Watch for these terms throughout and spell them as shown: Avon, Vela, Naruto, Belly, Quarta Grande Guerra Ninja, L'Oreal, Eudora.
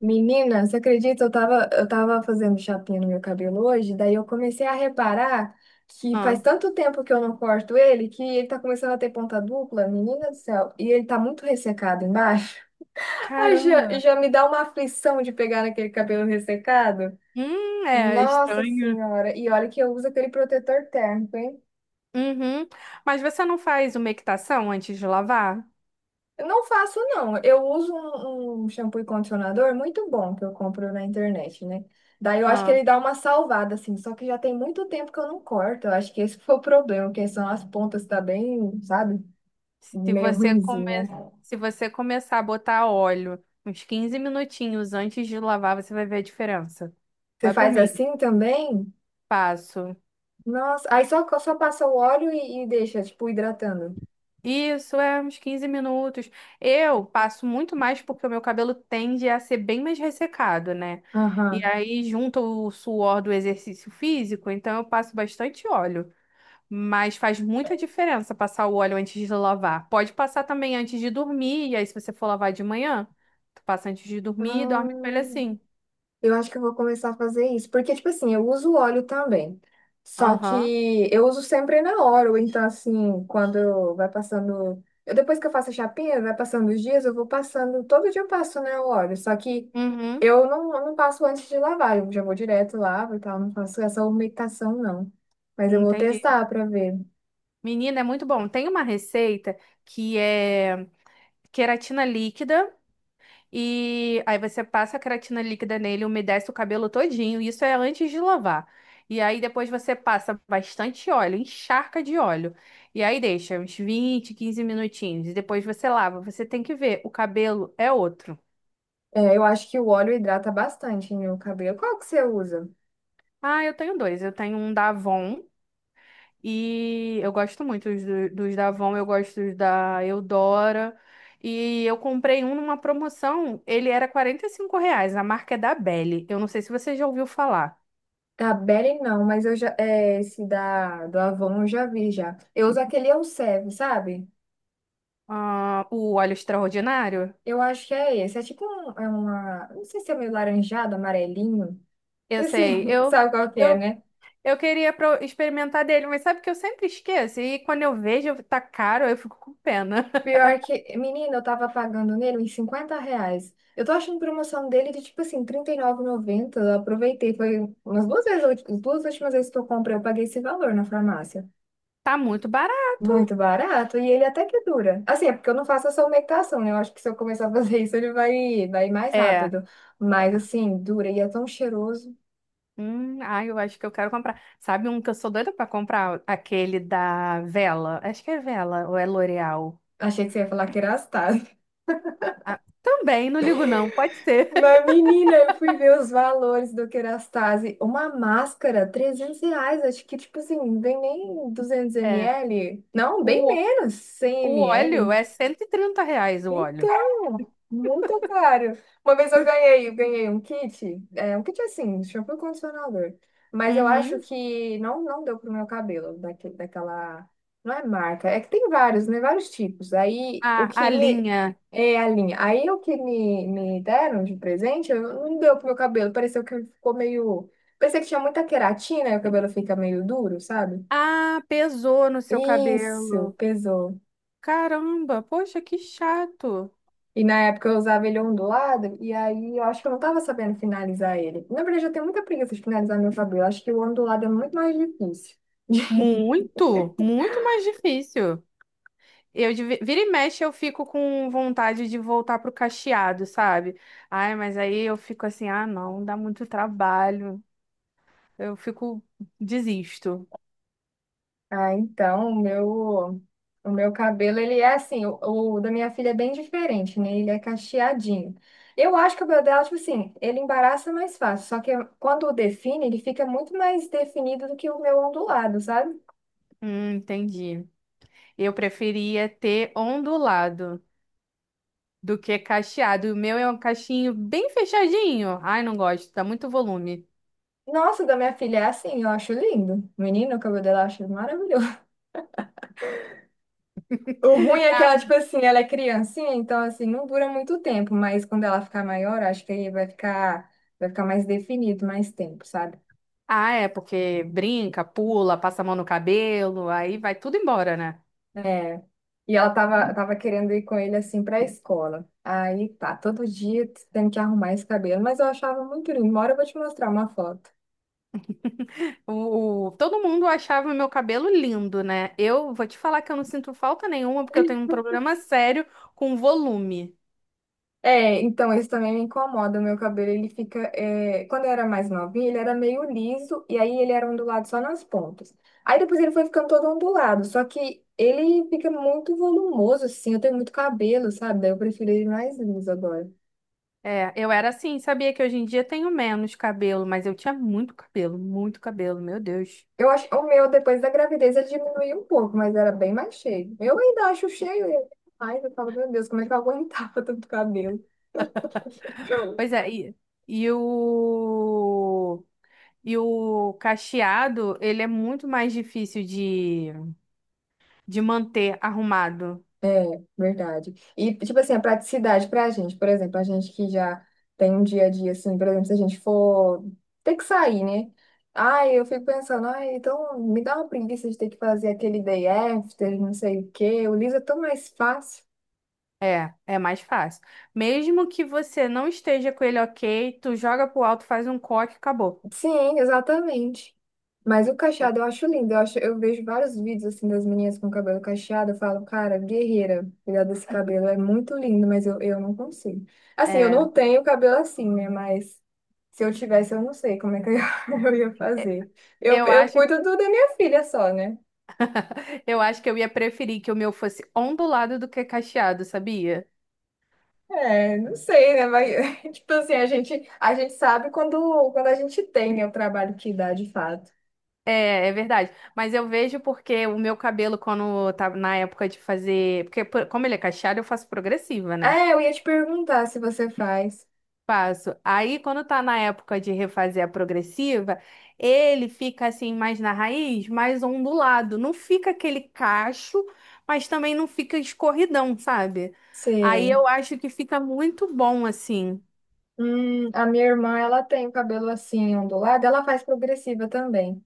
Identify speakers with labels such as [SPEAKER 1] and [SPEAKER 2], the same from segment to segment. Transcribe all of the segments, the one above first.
[SPEAKER 1] Menina, você acredita? Eu tava fazendo chapinha no meu cabelo hoje, daí eu comecei a reparar que faz
[SPEAKER 2] Ah.
[SPEAKER 1] tanto tempo que eu não corto ele que ele tá começando a ter ponta dupla, menina do céu, e ele tá muito ressecado embaixo. Ai, já,
[SPEAKER 2] Caramba.
[SPEAKER 1] já me dá uma aflição de pegar naquele cabelo ressecado.
[SPEAKER 2] É
[SPEAKER 1] Nossa
[SPEAKER 2] estranho.
[SPEAKER 1] Senhora! E olha que eu uso aquele protetor térmico, hein?
[SPEAKER 2] Uhum. Mas você não faz uma umectação antes de lavar?
[SPEAKER 1] Eu não faço, não. Eu uso um shampoo e condicionador muito bom que eu compro na internet, né? Daí eu acho que
[SPEAKER 2] Ah.
[SPEAKER 1] ele dá uma salvada, assim. Só que já tem muito tempo que eu não corto. Eu acho que esse foi o problema, que são as pontas tá bem, sabe?
[SPEAKER 2] Se
[SPEAKER 1] Meio
[SPEAKER 2] você come...
[SPEAKER 1] ruinzinha.
[SPEAKER 2] Se você começar a botar óleo uns 15 minutinhos antes de lavar, você vai ver a diferença.
[SPEAKER 1] Você
[SPEAKER 2] Vai por
[SPEAKER 1] faz
[SPEAKER 2] mim.
[SPEAKER 1] assim também?
[SPEAKER 2] Passo.
[SPEAKER 1] Nossa. Aí só passa o óleo e deixa, tipo, hidratando.
[SPEAKER 2] Isso, é uns 15 minutos. Eu passo muito mais porque o meu cabelo tende a ser bem mais ressecado, né? E
[SPEAKER 1] Aham.
[SPEAKER 2] aí junta o suor do exercício físico, então eu passo bastante óleo. Mas faz muita diferença passar o óleo antes de lavar. Pode passar também antes de dormir, e aí se você for lavar de manhã, tu passa antes de
[SPEAKER 1] Ah.
[SPEAKER 2] dormir e dorme com ele assim.
[SPEAKER 1] Eu acho que eu vou começar a fazer isso, porque, tipo assim, eu uso óleo também. Só
[SPEAKER 2] Aham.
[SPEAKER 1] que eu uso sempre na hora, ou então, assim, quando vai passando. Eu, depois que eu faço a chapinha, vai passando os dias, eu vou passando. Todo dia eu passo, né, o óleo. Só que
[SPEAKER 2] Uhum.
[SPEAKER 1] eu não passo antes de lavar, eu já vou direto, lavo e tal. Não faço essa umectação, não. Mas eu vou
[SPEAKER 2] Entendi.
[SPEAKER 1] testar pra ver.
[SPEAKER 2] Menina, é muito bom. Tem uma receita que é queratina líquida. E aí você passa a creatina líquida nele, umedece o cabelo todinho. Isso é antes de lavar. E aí depois você passa bastante óleo, encharca de óleo. E aí deixa uns 20, 15 minutinhos. E depois você lava. Você tem que ver, o cabelo é outro.
[SPEAKER 1] É, eu acho que o óleo hidrata bastante no cabelo. Qual que você usa?
[SPEAKER 2] Ah, eu tenho dois. Eu tenho um da Avon e eu gosto muito dos da Avon, eu gosto dos da Eudora. E eu comprei um numa promoção, ele era R$ 45, a marca é da Belly. Eu não sei se você já ouviu falar.
[SPEAKER 1] Da Beren não, mas eu já, é, esse da, do Avon eu já vi já. Eu uso aquele Elseve, sabe?
[SPEAKER 2] Ah, o óleo extraordinário?
[SPEAKER 1] Eu acho que é esse. É tipo um, é uma, não sei se é meio laranjado, amarelinho.
[SPEAKER 2] Eu
[SPEAKER 1] Esse,
[SPEAKER 2] sei,
[SPEAKER 1] sabe qual que é,
[SPEAKER 2] eu,
[SPEAKER 1] né?
[SPEAKER 2] eu queria experimentar dele, mas sabe que eu sempre esqueço. E quando eu vejo, tá caro, eu fico com pena.
[SPEAKER 1] Pior que, menina, eu tava pagando nele uns R$50. Eu tô achando promoção dele de tipo assim, trinta e R$39,90. Eu aproveitei, foi umas duas vezes, as duas últimas vezes que eu comprei, eu paguei esse valor na farmácia.
[SPEAKER 2] Tá muito barato.
[SPEAKER 1] Muito barato. E ele até que dura. Assim, é porque eu não faço essa meditação, né? Eu acho que se eu começar a fazer isso, ele vai, vai mais
[SPEAKER 2] É.
[SPEAKER 1] rápido.
[SPEAKER 2] é.
[SPEAKER 1] Mas, assim, dura e é tão cheiroso.
[SPEAKER 2] Ah, eu acho que eu quero comprar. Sabe um que eu sou doida pra comprar? Aquele da Vela. Acho que é Vela ou é L'Oreal.
[SPEAKER 1] Achei que você ia falar Kerastase.
[SPEAKER 2] Ah, também, não ligo não, pode ser.
[SPEAKER 1] Mas, menina, eu fui ver os valores do Kerastase. Uma máscara, R$300. Acho que, tipo assim, não vem nem duzentos
[SPEAKER 2] É.
[SPEAKER 1] ml. Não, bem
[SPEAKER 2] O,
[SPEAKER 1] menos, 100
[SPEAKER 2] o óleo
[SPEAKER 1] ml.
[SPEAKER 2] é R$ 130 o óleo.
[SPEAKER 1] Então, muito caro. Uma vez eu ganhei um kit assim, shampoo e condicionador. Mas eu acho
[SPEAKER 2] Uhum.
[SPEAKER 1] que não deu pro meu cabelo, daquele, daquela. Não é marca, é que tem vários, né? Vários tipos. Aí o
[SPEAKER 2] Ah,
[SPEAKER 1] que
[SPEAKER 2] a
[SPEAKER 1] me.
[SPEAKER 2] linha.
[SPEAKER 1] É a linha. Aí o que me deram de presente, eu, não deu pro meu cabelo. Pareceu que ficou meio. Parecia que tinha muita queratina e o cabelo fica meio duro, sabe?
[SPEAKER 2] Ah, pesou no seu
[SPEAKER 1] Isso,
[SPEAKER 2] cabelo.
[SPEAKER 1] pesou.
[SPEAKER 2] Caramba, poxa, que chato.
[SPEAKER 1] E na época eu usava ele ondulado, e aí eu acho que eu não tava sabendo finalizar ele. Na verdade, eu tenho muita preguiça de finalizar meu cabelo. Acho que o ondulado é muito mais difícil.
[SPEAKER 2] Muito, muito mais difícil. Vira e mexe eu fico com vontade de voltar pro cacheado, sabe? Ai, mas aí eu fico assim, ah, não, dá muito trabalho. Eu fico Desisto.
[SPEAKER 1] Ah, então, o meu cabelo, ele é assim, o da minha filha é bem diferente, né? Ele é cacheadinho. Eu acho que o cabelo dela, tipo assim, ele embaraça mais fácil. Só que quando define, ele fica muito mais definido do que o meu ondulado, sabe?
[SPEAKER 2] Entendi. Eu preferia ter ondulado do que cacheado. O meu é um cachinho bem fechadinho. Ai, não gosto, dá muito volume.
[SPEAKER 1] Nossa, o da minha filha é assim, eu acho lindo. Menino, o cabelo dela eu acho maravilhoso. O ruim é que ela, tipo assim, ela é criancinha, então assim, não dura muito tempo, mas quando ela ficar maior, acho que aí vai ficar mais definido, mais tempo, sabe?
[SPEAKER 2] Ah, é porque brinca, pula, passa a mão no cabelo, aí vai tudo embora, né?
[SPEAKER 1] É. E ela tava querendo ir com ele assim pra escola. Aí tá, todo dia tendo que arrumar esse cabelo, mas eu achava muito lindo. Uma hora eu vou te mostrar uma foto.
[SPEAKER 2] O, todo mundo achava meu cabelo lindo, né? Eu vou te falar que eu não sinto falta nenhuma, porque eu tenho um problema sério com volume.
[SPEAKER 1] É, então isso também me incomoda. O meu cabelo, ele fica. Quando eu era mais novinha, ele era meio liso, e aí ele era ondulado só nas pontas. Aí depois ele foi ficando todo ondulado, só que ele fica muito volumoso, assim. Eu tenho muito cabelo, sabe? Daí eu prefiro ele mais liso agora.
[SPEAKER 2] É, eu era assim, sabia que hoje em dia eu tenho menos cabelo, mas eu tinha muito cabelo, meu Deus.
[SPEAKER 1] Eu acho. O meu, depois da gravidez, ele diminuiu um pouco, mas era bem mais cheio. Eu ainda acho cheio, e mais eu falo, meu Deus, como é que eu aguentava tanto cabelo?
[SPEAKER 2] Pois é, e o, e o cacheado, ele é muito mais difícil de manter arrumado.
[SPEAKER 1] É, verdade. E, tipo assim, a praticidade pra gente, por exemplo, a gente que já tem um dia a dia, assim, por exemplo, se a gente for ter que sair, né? Ai, eu fico pensando, ai, então me dá uma preguiça de ter que fazer aquele day after, não sei o quê. O Lisa é tão mais fácil.
[SPEAKER 2] É, é mais fácil. Mesmo que você não esteja com ele ok, tu joga pro alto, faz um coque, acabou.
[SPEAKER 1] Sim, exatamente. Mas o cacheado eu acho lindo. Eu acho, eu vejo vários vídeos assim das meninas com cabelo cacheado. Eu falo, cara, guerreira, cuidar desse cabelo é muito lindo, mas eu não consigo. Assim, eu
[SPEAKER 2] É,
[SPEAKER 1] não tenho cabelo assim, né? Mas se eu tivesse, eu não sei como é que eu, eu ia fazer. Eu,
[SPEAKER 2] eu
[SPEAKER 1] eu
[SPEAKER 2] acho,
[SPEAKER 1] cuido do da minha filha só, né?
[SPEAKER 2] eu acho que eu ia preferir que o meu fosse ondulado do que cacheado, sabia?
[SPEAKER 1] É, não sei, né? Mas, tipo assim, a gente sabe quando a gente tem, né, o trabalho que dá de fato.
[SPEAKER 2] É, é verdade. Mas eu vejo porque o meu cabelo, quando tá na época de fazer. Porque, como ele é cacheado, eu faço progressiva, né?
[SPEAKER 1] É, eu ia te perguntar se você faz.
[SPEAKER 2] Faço. Aí, quando tá na época de refazer a progressiva, ele fica assim, mais na raiz, mais ondulado. Não fica aquele cacho, mas também não fica escorridão, sabe? Aí
[SPEAKER 1] Sei.
[SPEAKER 2] eu acho que fica muito bom assim.
[SPEAKER 1] A minha irmã, ela tem o cabelo assim ondulado, ela faz progressiva também.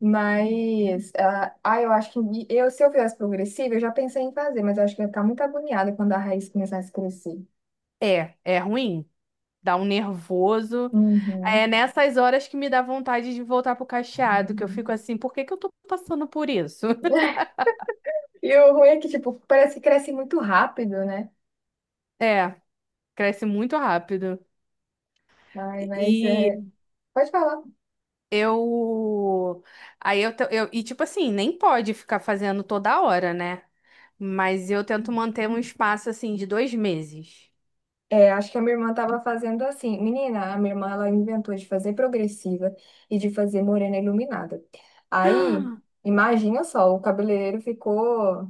[SPEAKER 1] Mas, ah, ah, eu acho que eu, se eu fizesse progressiva, eu já pensei em fazer, mas eu acho que eu ia ficar muito agoniada quando a raiz começasse a crescer.
[SPEAKER 2] É, é ruim. Dá um nervoso. É
[SPEAKER 1] Uhum.
[SPEAKER 2] nessas horas que me dá vontade de voltar pro cacheado, que eu fico assim, por que que eu tô passando por isso?
[SPEAKER 1] E o ruim é que, tipo, parece que cresce muito rápido, né?
[SPEAKER 2] É, cresce muito rápido.
[SPEAKER 1] Ai, mas é.
[SPEAKER 2] E
[SPEAKER 1] Pode falar.
[SPEAKER 2] eu. Eu. E tipo assim, nem pode ficar fazendo toda hora, né? Mas eu tento manter um espaço assim de 2 meses.
[SPEAKER 1] É, acho que a minha irmã estava fazendo assim. Menina, a minha irmã ela inventou de fazer progressiva e de fazer morena iluminada. Aí, imagina só, o cabeleireiro ficou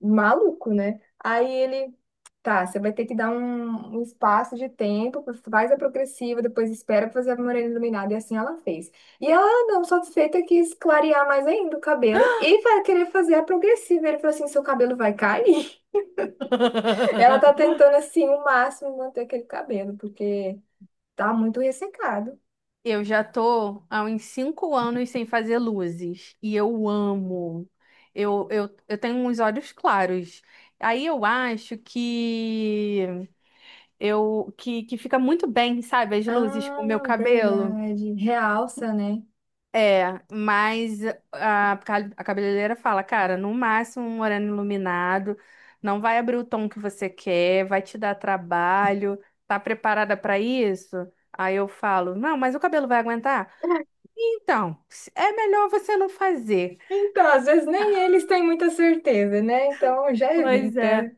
[SPEAKER 1] maluco, né? Aí ele, tá, você vai ter que dar um espaço de tempo, faz a progressiva, depois espera pra fazer a morena iluminada. E assim ela fez. E ela, "Ah, não satisfeita, quis clarear mais ainda o cabelo e vai querer fazer a progressiva. Ele falou assim: seu cabelo vai cair. Ela tá tentando, assim, o máximo manter aquele cabelo, porque. Tá muito ressecado.
[SPEAKER 2] Eu já tô há uns 5 anos sem fazer luzes e eu amo. Eu tenho uns olhos claros. Aí eu acho que que fica muito bem, sabe, as luzes com o meu
[SPEAKER 1] Ah,
[SPEAKER 2] cabelo.
[SPEAKER 1] verdade. Realça, né?
[SPEAKER 2] É, mas a cabeleireira fala, cara, no máximo um moreno iluminado, não vai abrir o tom que você quer, vai te dar trabalho. Tá preparada para isso? Aí eu falo, não, mas o cabelo vai aguentar? Então, é melhor você não fazer.
[SPEAKER 1] Então, às vezes nem eles têm muita certeza, né? Então já
[SPEAKER 2] Pois
[SPEAKER 1] evita.
[SPEAKER 2] é.
[SPEAKER 1] O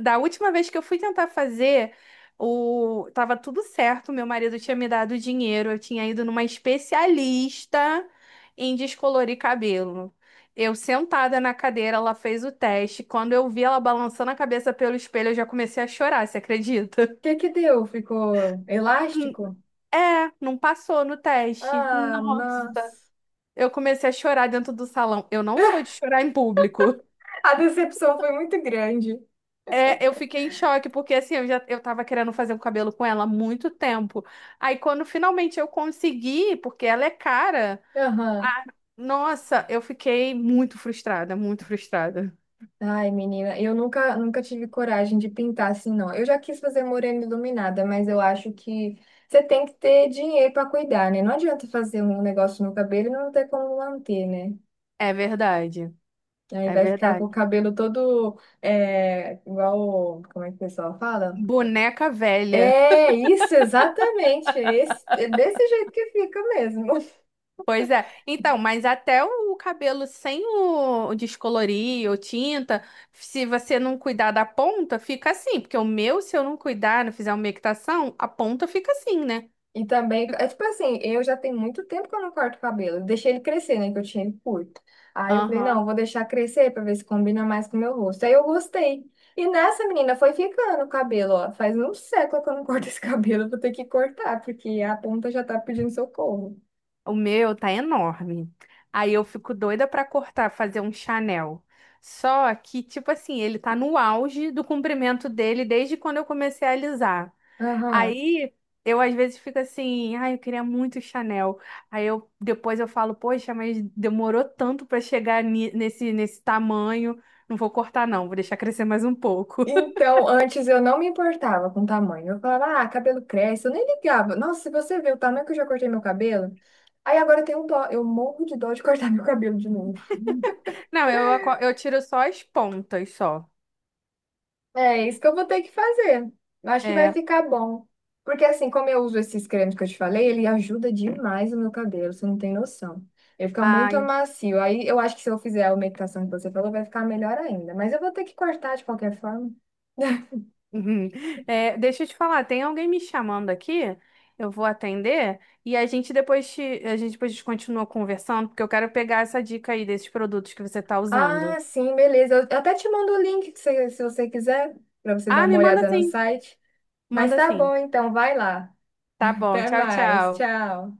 [SPEAKER 2] Da última vez que eu fui tentar fazer, o... tava tudo certo, meu marido tinha me dado dinheiro, eu tinha ido numa especialista em descolorir cabelo. Eu sentada na cadeira, ela fez o teste. Quando eu vi ela balançando a cabeça pelo espelho, eu já comecei a chorar, você acredita?
[SPEAKER 1] que que deu? Ficou elástico?
[SPEAKER 2] É, não passou no teste.
[SPEAKER 1] Ah,
[SPEAKER 2] Nossa,
[SPEAKER 1] nossa.
[SPEAKER 2] eu comecei a chorar dentro do salão. Eu não sou de chorar em público.
[SPEAKER 1] A decepção foi muito grande.
[SPEAKER 2] É, eu fiquei em choque, porque assim, eu tava querendo fazer o cabelo com ela há muito tempo. Aí quando finalmente eu consegui, porque ela é cara,
[SPEAKER 1] Aham.
[SPEAKER 2] nossa, eu fiquei muito frustrada, muito frustrada.
[SPEAKER 1] Ai, menina, eu nunca, nunca tive coragem de pintar assim, não. Eu já quis fazer morena iluminada, mas eu acho que você tem que ter dinheiro para cuidar, né? Não adianta fazer um negócio no cabelo e não ter como manter, né?
[SPEAKER 2] É verdade,
[SPEAKER 1] Aí
[SPEAKER 2] é
[SPEAKER 1] vai ficar com
[SPEAKER 2] verdade.
[SPEAKER 1] o cabelo todo é, igual. Como é que o pessoal fala?
[SPEAKER 2] Boneca velha.
[SPEAKER 1] É isso, exatamente. É, esse- é desse jeito que fica mesmo.
[SPEAKER 2] Pois é. Então, mas até o cabelo sem o descolorir ou tinta, se você não cuidar da ponta, fica assim. Porque o meu, se eu não cuidar, não fizer uma equitação, a ponta fica assim, né?
[SPEAKER 1] E também, é tipo assim, eu já tenho muito tempo que eu não corto o cabelo. Eu deixei ele crescer, né? Que eu tinha ele curto. Aí eu falei, não,
[SPEAKER 2] Aham.
[SPEAKER 1] eu vou deixar crescer pra ver se combina mais com o meu rosto. Aí eu gostei. E nessa menina foi ficando o cabelo, ó. Faz um século que eu não corto esse cabelo, eu vou ter que cortar, porque a ponta já tá pedindo socorro.
[SPEAKER 2] O meu tá enorme. Aí eu fico doida pra cortar, fazer um Chanel. Só que, tipo assim, ele tá no auge do comprimento dele desde quando eu comecei a alisar.
[SPEAKER 1] Aham.
[SPEAKER 2] Aí eu às vezes fico assim, ai, eu queria muito Chanel. Aí eu depois eu falo, poxa, mas demorou tanto pra chegar nesse tamanho. Não vou cortar não, vou deixar crescer mais um pouco.
[SPEAKER 1] Então, antes eu não me importava com o tamanho. Eu falava, ah, cabelo cresce. Eu nem ligava. Nossa, se você vê o tamanho que eu já cortei meu cabelo. Aí agora eu tenho um dó. Eu morro de dó de cortar meu cabelo de novo.
[SPEAKER 2] Não, eu tiro só as pontas só.
[SPEAKER 1] É isso que eu vou ter que fazer. Eu acho que vai
[SPEAKER 2] É.
[SPEAKER 1] ficar bom. Porque assim, como eu uso esses cremes que eu te falei, ele ajuda demais o meu cabelo. Você não tem noção. Ele fica
[SPEAKER 2] Ah,
[SPEAKER 1] muito macio. Aí eu acho que se eu fizer a umectação que você falou, vai ficar melhor ainda. Mas eu vou ter que cortar de qualquer forma.
[SPEAKER 2] Uhum. É, deixa eu te falar, tem alguém me chamando aqui, eu vou atender e a gente depois continua conversando, porque eu quero pegar essa dica aí desses produtos que você tá usando.
[SPEAKER 1] Ah, sim, beleza. Eu até te mando o link que se você quiser, para você dar
[SPEAKER 2] Ah,
[SPEAKER 1] uma
[SPEAKER 2] me manda
[SPEAKER 1] olhada no
[SPEAKER 2] sim,
[SPEAKER 1] site. Mas
[SPEAKER 2] manda
[SPEAKER 1] tá
[SPEAKER 2] sim.
[SPEAKER 1] bom, então, vai lá.
[SPEAKER 2] Tá bom,
[SPEAKER 1] Até
[SPEAKER 2] tchau,
[SPEAKER 1] mais.
[SPEAKER 2] tchau.
[SPEAKER 1] Tchau.